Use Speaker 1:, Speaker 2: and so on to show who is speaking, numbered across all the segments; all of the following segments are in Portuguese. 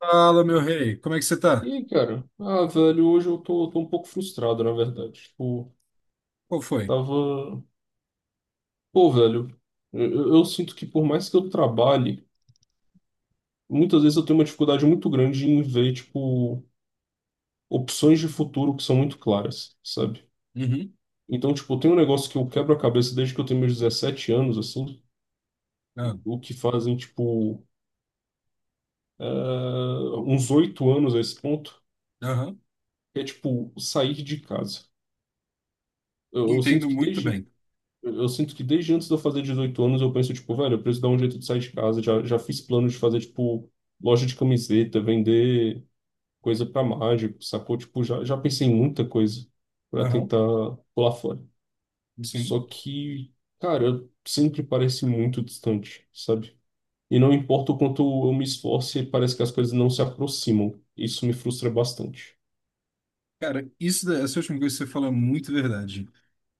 Speaker 1: Fala, meu rei, como é que você tá?
Speaker 2: E aí, cara, velho, hoje eu tô um pouco frustrado, na verdade. Tipo,
Speaker 1: Qual foi?
Speaker 2: tava. Pô, velho, eu sinto que por mais que eu trabalhe, muitas vezes eu tenho uma dificuldade muito grande em ver, tipo, opções de futuro que são muito claras, sabe?
Speaker 1: Uhum.
Speaker 2: Então, tipo, tem um negócio que eu quebro a cabeça desde que eu tenho meus 17 anos, assim,
Speaker 1: Ah,
Speaker 2: o que fazem, tipo, eh, uns 8 anos a esse ponto,
Speaker 1: aham.
Speaker 2: que é, tipo, sair de casa. Eu sinto
Speaker 1: Entendo
Speaker 2: que
Speaker 1: muito
Speaker 2: desde.
Speaker 1: bem.
Speaker 2: Eu sinto que desde antes de eu fazer 18 anos, eu penso, tipo, velho, eu preciso dar um jeito de sair de casa. Já fiz plano de fazer, tipo, loja de camiseta, vender coisa pra mágico, sacou? Tipo, já pensei em muita coisa pra
Speaker 1: Aham.
Speaker 2: tentar pular fora. Só
Speaker 1: Sim.
Speaker 2: que, cara, sempre parece muito distante, sabe? E não importa o quanto eu me esforce, parece que as coisas não se aproximam. Isso me frustra bastante.
Speaker 1: Cara, isso, essa última coisa que você fala é muito verdade.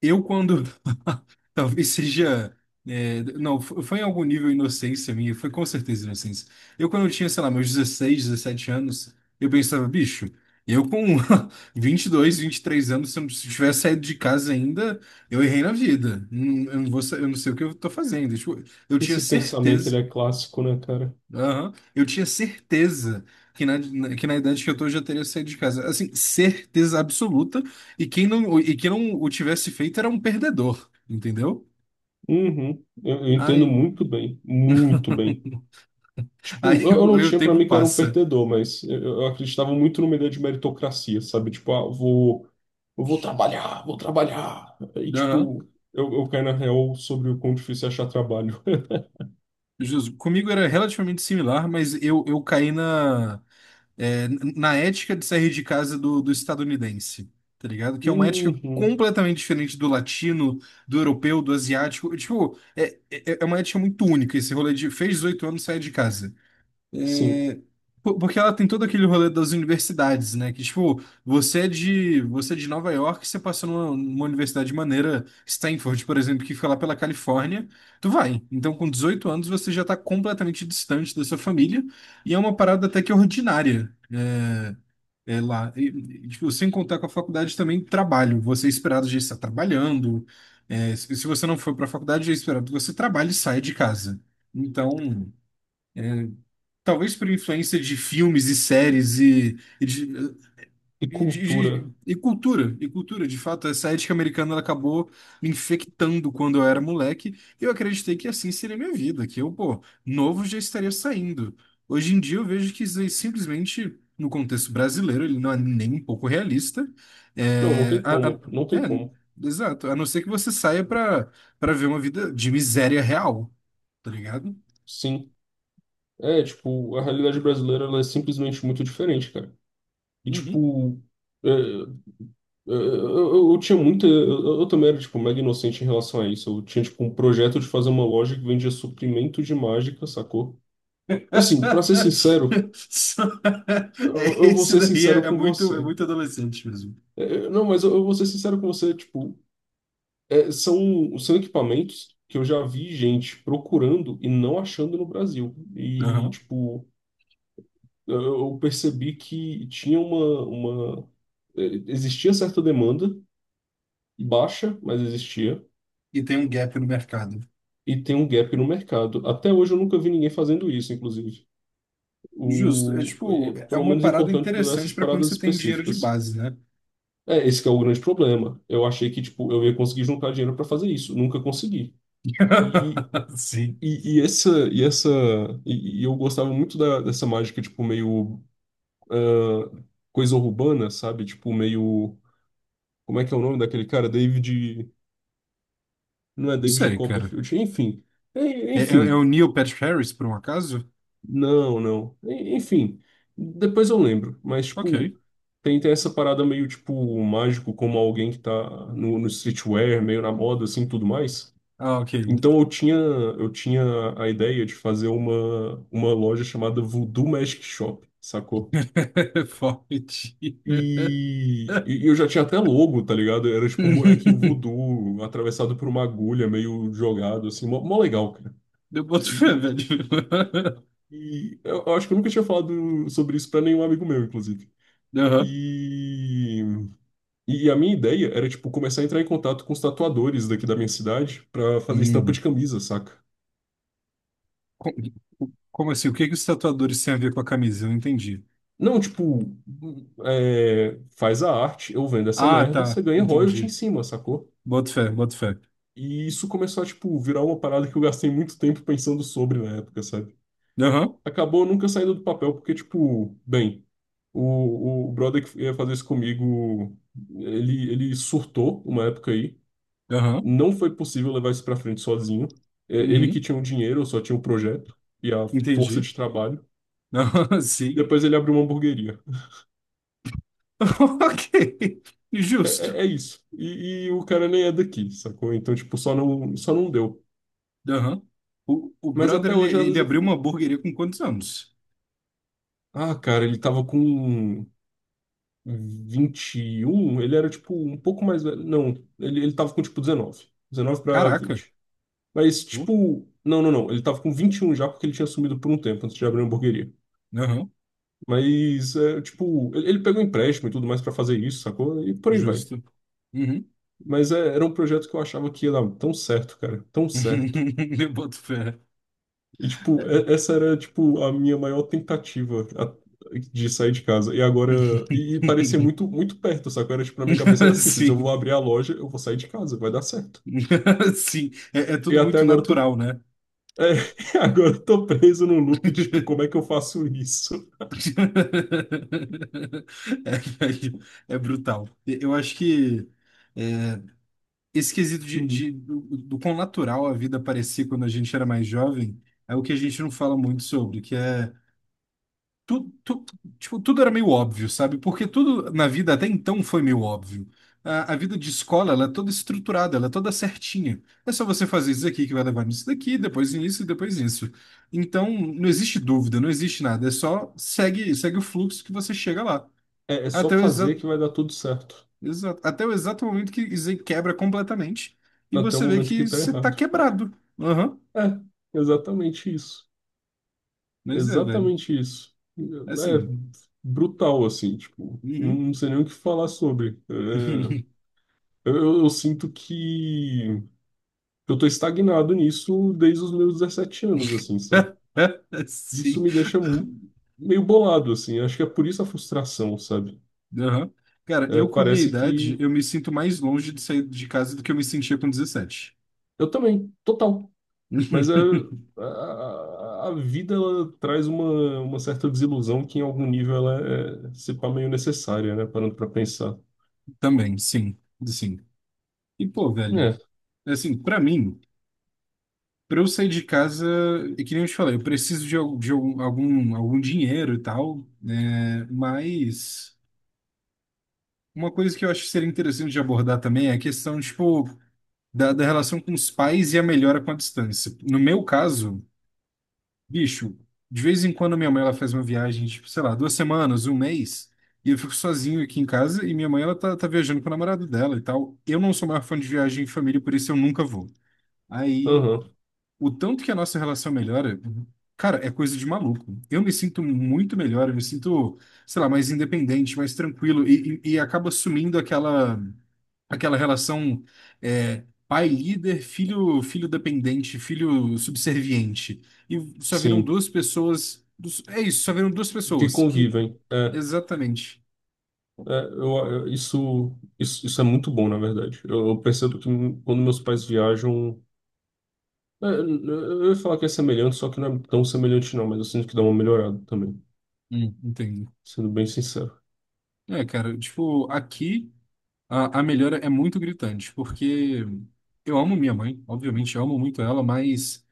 Speaker 1: Eu, quando. Talvez seja. É, não, fo- Foi em algum nível inocência minha, foi com certeza inocência. Eu, quando eu tinha, sei lá, meus 16 17 anos, eu pensava, bicho, eu com vinte vinte e dois vinte e três anos, se eu não tivesse saído de casa ainda, eu errei na vida. Eu não sei o que eu tô fazendo. Tipo, eu tinha
Speaker 2: Esse pensamento, ele
Speaker 1: certeza.
Speaker 2: é clássico, né, cara?
Speaker 1: Aham. Eu tinha certeza que que na idade que eu tô eu já teria saído de casa. Assim, certeza absoluta. E quem não o tivesse feito era um perdedor, entendeu?
Speaker 2: Uhum. Eu entendo
Speaker 1: Aí,
Speaker 2: muito bem, muito bem. Tipo, eu não
Speaker 1: aí o
Speaker 2: tinha pra
Speaker 1: tempo
Speaker 2: mim que eu era um
Speaker 1: passa.
Speaker 2: perdedor, mas eu acreditava muito numa ideia de meritocracia, sabe? Tipo, eu vou trabalhar, vou trabalhar. E,
Speaker 1: Aham.
Speaker 2: tipo, eu caí na real sobre o quão difícil é achar trabalho.
Speaker 1: Justo. Comigo era relativamente similar, mas eu é, na ética de sair de casa do estadunidense, tá ligado? Que é uma ética
Speaker 2: Uhum,
Speaker 1: completamente diferente do latino, do europeu, do asiático. Tipo, é uma ética muito única esse rolê de fez 18 anos, sai de casa.
Speaker 2: sim.
Speaker 1: É, Porque ela tem todo aquele rolê das universidades, né? Que, tipo, você é de Nova York, você passa numa universidade maneira, Stanford, por exemplo, que fica lá pela Califórnia, tu vai. Então, com 18 anos, você já tá completamente distante da sua família, e é uma parada até que ordinária, é, é lá. E, tipo, sem contar com a faculdade também, trabalho. Você é esperado de estar trabalhando, é, se você não for para a faculdade, é esperado que você trabalhe e saia de casa. Então. Talvez por influência de filmes e séries e de,
Speaker 2: E
Speaker 1: e, de-
Speaker 2: cultura?
Speaker 1: cultura, de fato, essa ética americana ela acabou me infectando quando eu era moleque, e eu acreditei que assim seria a minha vida, que eu, pô, novo já estaria saindo. Hoje em dia eu vejo que isso aí simplesmente, no contexto brasileiro, ele não é nem um pouco realista.
Speaker 2: Não, não
Speaker 1: É,
Speaker 2: tem como, não tem como.
Speaker 1: exato, a não ser que você saia para ver uma vida de miséria real, tá ligado?
Speaker 2: Sim. É, tipo, a realidade brasileira, ela é simplesmente muito diferente, cara. E,
Speaker 1: Uhum.
Speaker 2: tipo, é, eu tinha muita. Eu também era, tipo, mega inocente em relação a isso. Eu tinha, tipo, um projeto de fazer uma loja que vendia suprimento de mágica, sacou? Assim, pra ser sincero,
Speaker 1: Só-
Speaker 2: eu,
Speaker 1: É,
Speaker 2: eu vou
Speaker 1: esse
Speaker 2: ser
Speaker 1: daí é,
Speaker 2: sincero com
Speaker 1: é
Speaker 2: você.
Speaker 1: muito adolescente mesmo.
Speaker 2: É, não, mas eu vou ser sincero com você, tipo, são equipamentos que eu já vi gente procurando e não achando no Brasil. E,
Speaker 1: Aham.
Speaker 2: tipo, eu percebi que tinha uma. Existia certa demanda, baixa, mas existia.
Speaker 1: E tem um gap no mercado.
Speaker 2: E tem um gap no mercado. Até hoje eu nunca vi ninguém fazendo isso, inclusive.
Speaker 1: Justo. É tipo, é
Speaker 2: Pelo
Speaker 1: uma
Speaker 2: menos é
Speaker 1: parada
Speaker 2: importante dessas
Speaker 1: interessante para quando
Speaker 2: paradas
Speaker 1: você tem dinheiro de
Speaker 2: específicas.
Speaker 1: base, né?
Speaker 2: É, esse que é o grande problema. Eu achei que tipo, eu ia conseguir juntar dinheiro para fazer isso, nunca consegui. E,
Speaker 1: Sim.
Speaker 2: e essa eu gostava muito dessa mágica tipo meio, ah, coisa urbana, sabe? Tipo meio, como é que é o nome daquele cara? David, não é
Speaker 1: Não
Speaker 2: David
Speaker 1: sei, cara.
Speaker 2: Copperfield, enfim. É,
Speaker 1: É, é
Speaker 2: enfim,
Speaker 1: o Neil Patrick Harris, por um acaso?
Speaker 2: não, não. Enfim, depois eu lembro. Mas,
Speaker 1: Ok.
Speaker 2: tipo, tem essa parada meio, tipo, mágico, como alguém que tá no streetwear, meio na moda, assim, tudo mais.
Speaker 1: Ah, ok.
Speaker 2: Então eu tinha a ideia de fazer uma loja chamada Voodoo Magic Shop, sacou?
Speaker 1: Forte.
Speaker 2: E eu já tinha até logo, tá ligado? Era tipo um bonequinho voodoo atravessado por uma agulha, meio jogado, assim, mó, mó legal, cara.
Speaker 1: Eu boto fé,
Speaker 2: E, e-
Speaker 1: velho.
Speaker 2: e eu acho que eu nunca tinha falado sobre isso pra nenhum amigo meu, inclusive.
Speaker 1: Aham.
Speaker 2: E, e a minha ideia era, tipo, começar a entrar em contato com os tatuadores daqui da minha cidade pra fazer estampa
Speaker 1: Hum.
Speaker 2: de camisa, saca?
Speaker 1: Co- Como assim? O que que os tatuadores têm a ver com a camisa? Eu não entendi.
Speaker 2: Não, tipo, faz a arte, eu vendo essa
Speaker 1: Ah,
Speaker 2: merda, você
Speaker 1: tá.
Speaker 2: ganha royalty em
Speaker 1: Entendi.
Speaker 2: cima, sacou?
Speaker 1: Boto fé, boto fé.
Speaker 2: E isso começou a, tipo, virar uma parada que eu gastei muito tempo pensando sobre na época, sabe?
Speaker 1: Aham,
Speaker 2: Acabou nunca saindo do papel, porque, tipo, bem, o brother que ia fazer isso comigo, ele surtou uma época aí.
Speaker 1: aham,
Speaker 2: Não foi possível levar isso para frente sozinho. É, ele que
Speaker 1: uhum,
Speaker 2: tinha o dinheiro, eu só tinha o projeto e a força
Speaker 1: entendi.
Speaker 2: de trabalho.
Speaker 1: Aham, sim.
Speaker 2: Depois ele abriu uma hamburgueria.
Speaker 1: Ok,
Speaker 2: É,
Speaker 1: justo.
Speaker 2: é- é isso. E o cara nem é daqui, sacou? Então, tipo, só não deu.
Speaker 1: Aham. O
Speaker 2: Mas
Speaker 1: brother,
Speaker 2: até
Speaker 1: ele,
Speaker 2: hoje, às vezes,
Speaker 1: ele
Speaker 2: eu
Speaker 1: abriu
Speaker 2: fico.
Speaker 1: uma hamburgueria com quantos anos?
Speaker 2: Ah, cara, ele tava com 21, ele era, tipo, um pouco mais velho. Não, ele tava com, tipo, dezenove pra
Speaker 1: Caraca.
Speaker 2: 20. Mas,
Speaker 1: Oh,
Speaker 2: tipo, não, não, não. Ele tava com 21 já porque ele tinha sumido por um tempo antes de abrir a hamburgueria.
Speaker 1: aham,
Speaker 2: Mas, tipo, ele pegou um empréstimo e tudo mais pra fazer isso, sacou? E por aí vai.
Speaker 1: justo. Uhum.
Speaker 2: Mas é, era um projeto que eu achava que ia dar tão certo, cara, tão certo.
Speaker 1: Eu boto fé.
Speaker 2: E, tipo, é- essa era, tipo, a minha maior tentativa de sair de casa. E agora, e parecia muito, muito perto, sacou? Era, tipo, na minha cabeça era simples, eu vou
Speaker 1: Sim,
Speaker 2: abrir a loja, eu vou sair de casa, vai dar certo.
Speaker 1: sim. É, é
Speaker 2: E
Speaker 1: tudo
Speaker 2: até
Speaker 1: muito
Speaker 2: agora
Speaker 1: natural, né?
Speaker 2: agora eu tô preso no loop de, tipo, como é que eu faço isso?
Speaker 1: É, é brutal. Eu acho que é, esse quesito de,
Speaker 2: Hum.
Speaker 1: do quão natural a vida parecia quando a gente era mais jovem é o que a gente não fala muito sobre, que é tu, tu- tipo, tudo era meio óbvio, sabe? Porque tudo na vida até então foi meio óbvio. A vida de escola, ela é toda estruturada, ela é toda certinha. É só você fazer isso aqui que vai levar nisso daqui, depois nisso e depois nisso. Então, não existe dúvida, não existe nada. É só segue, segue o fluxo que você chega lá.
Speaker 2: É é só
Speaker 1: Até o
Speaker 2: fazer
Speaker 1: exato,
Speaker 2: que vai dar tudo certo.
Speaker 1: até o exato momento que isso aí quebra completamente e
Speaker 2: Até o
Speaker 1: você vê
Speaker 2: momento que
Speaker 1: que
Speaker 2: tá
Speaker 1: você tá
Speaker 2: errado.
Speaker 1: quebrado. Aham.
Speaker 2: É, exatamente isso.
Speaker 1: Mas é, velho.
Speaker 2: Exatamente isso. É
Speaker 1: Assim.
Speaker 2: brutal, assim, tipo, não,
Speaker 1: Uhum.
Speaker 2: não sei nem o que falar sobre. É, eu sinto que eu tô estagnado nisso desde os meus 17 anos, assim, sabe? Isso
Speaker 1: Sim.
Speaker 2: me deixa meio bolado, assim. Acho que é por isso a frustração, sabe?
Speaker 1: Aham. Cara,
Speaker 2: É,
Speaker 1: eu com a minha
Speaker 2: parece
Speaker 1: idade,
Speaker 2: que
Speaker 1: eu me sinto mais longe de sair de casa do que eu me sentia com dezessete.
Speaker 2: eu também, total. Mas é, a, a vida ela traz uma certa desilusão que em algum nível ela é, se pá, meio necessária, né? Parando para pensar.
Speaker 1: Também, sim, sim. E pô, velho,
Speaker 2: É,
Speaker 1: assim, pra mim, pra eu sair de casa, é que nem eu te falei, eu preciso de, algum dinheiro e tal, né? Mas uma coisa que eu acho que seria interessante de abordar também é a questão, tipo, da relação com os pais e a melhora com a distância. No meu caso, bicho, de vez em quando minha mãe ela faz uma viagem, tipo, sei lá, duas semanas, um mês, e eu fico sozinho aqui em casa e minha mãe ela tá, tá viajando com o namorado dela e tal. Eu não sou maior fã de viagem em família, por isso eu nunca vou. Aí,
Speaker 2: aham,
Speaker 1: o tanto que a nossa relação melhora, cara, é coisa de maluco. Eu me sinto muito melhor, eu me sinto, sei lá, mais independente, mais tranquilo e acaba sumindo aquela aquela relação é, pai líder, filho dependente, filho subserviente. E só viram
Speaker 2: sim,
Speaker 1: duas pessoas. É isso, só viram duas
Speaker 2: que
Speaker 1: pessoas que
Speaker 2: convivem. É,
Speaker 1: exatamente.
Speaker 2: é, isso é muito bom, na verdade. Eu percebo que quando meus pais viajam, eu ia falar que é semelhante, só que não é tão semelhante não, mas eu sinto que dá uma melhorada também.
Speaker 1: Entendo.
Speaker 2: Sendo bem sincero.
Speaker 1: É, cara, tipo, aqui a melhora é muito gritante, porque eu amo minha mãe, obviamente, eu amo muito ela, mas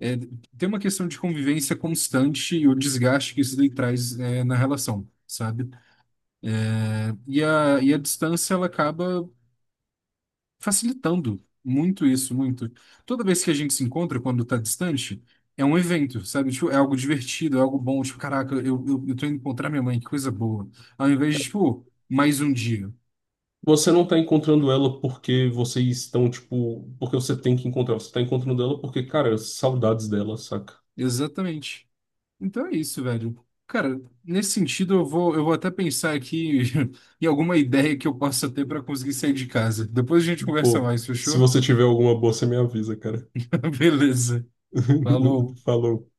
Speaker 1: é, tem uma questão de convivência constante e o desgaste que isso daí traz é, na relação, sabe? É, e e a distância, ela acaba facilitando muito isso, muito. Toda vez que a gente se encontra, quando tá distante, é um evento, sabe? Tipo, é algo divertido, é algo bom. Tipo, caraca, eu tô indo encontrar minha mãe, que coisa boa. Ao invés de, tipo, mais um dia.
Speaker 2: Você não tá encontrando ela porque vocês estão, tipo, porque você tem que encontrar. Você tá encontrando ela porque, cara, saudades dela, saca?
Speaker 1: Exatamente. Então é isso, velho. Cara, nesse sentido, eu vou até pensar aqui em alguma ideia que eu possa ter para conseguir sair de casa. Depois a gente conversa
Speaker 2: Pô,
Speaker 1: mais,
Speaker 2: se
Speaker 1: fechou?
Speaker 2: você tiver alguma boa, você me avisa, cara.
Speaker 1: Beleza. Falou.
Speaker 2: Falou.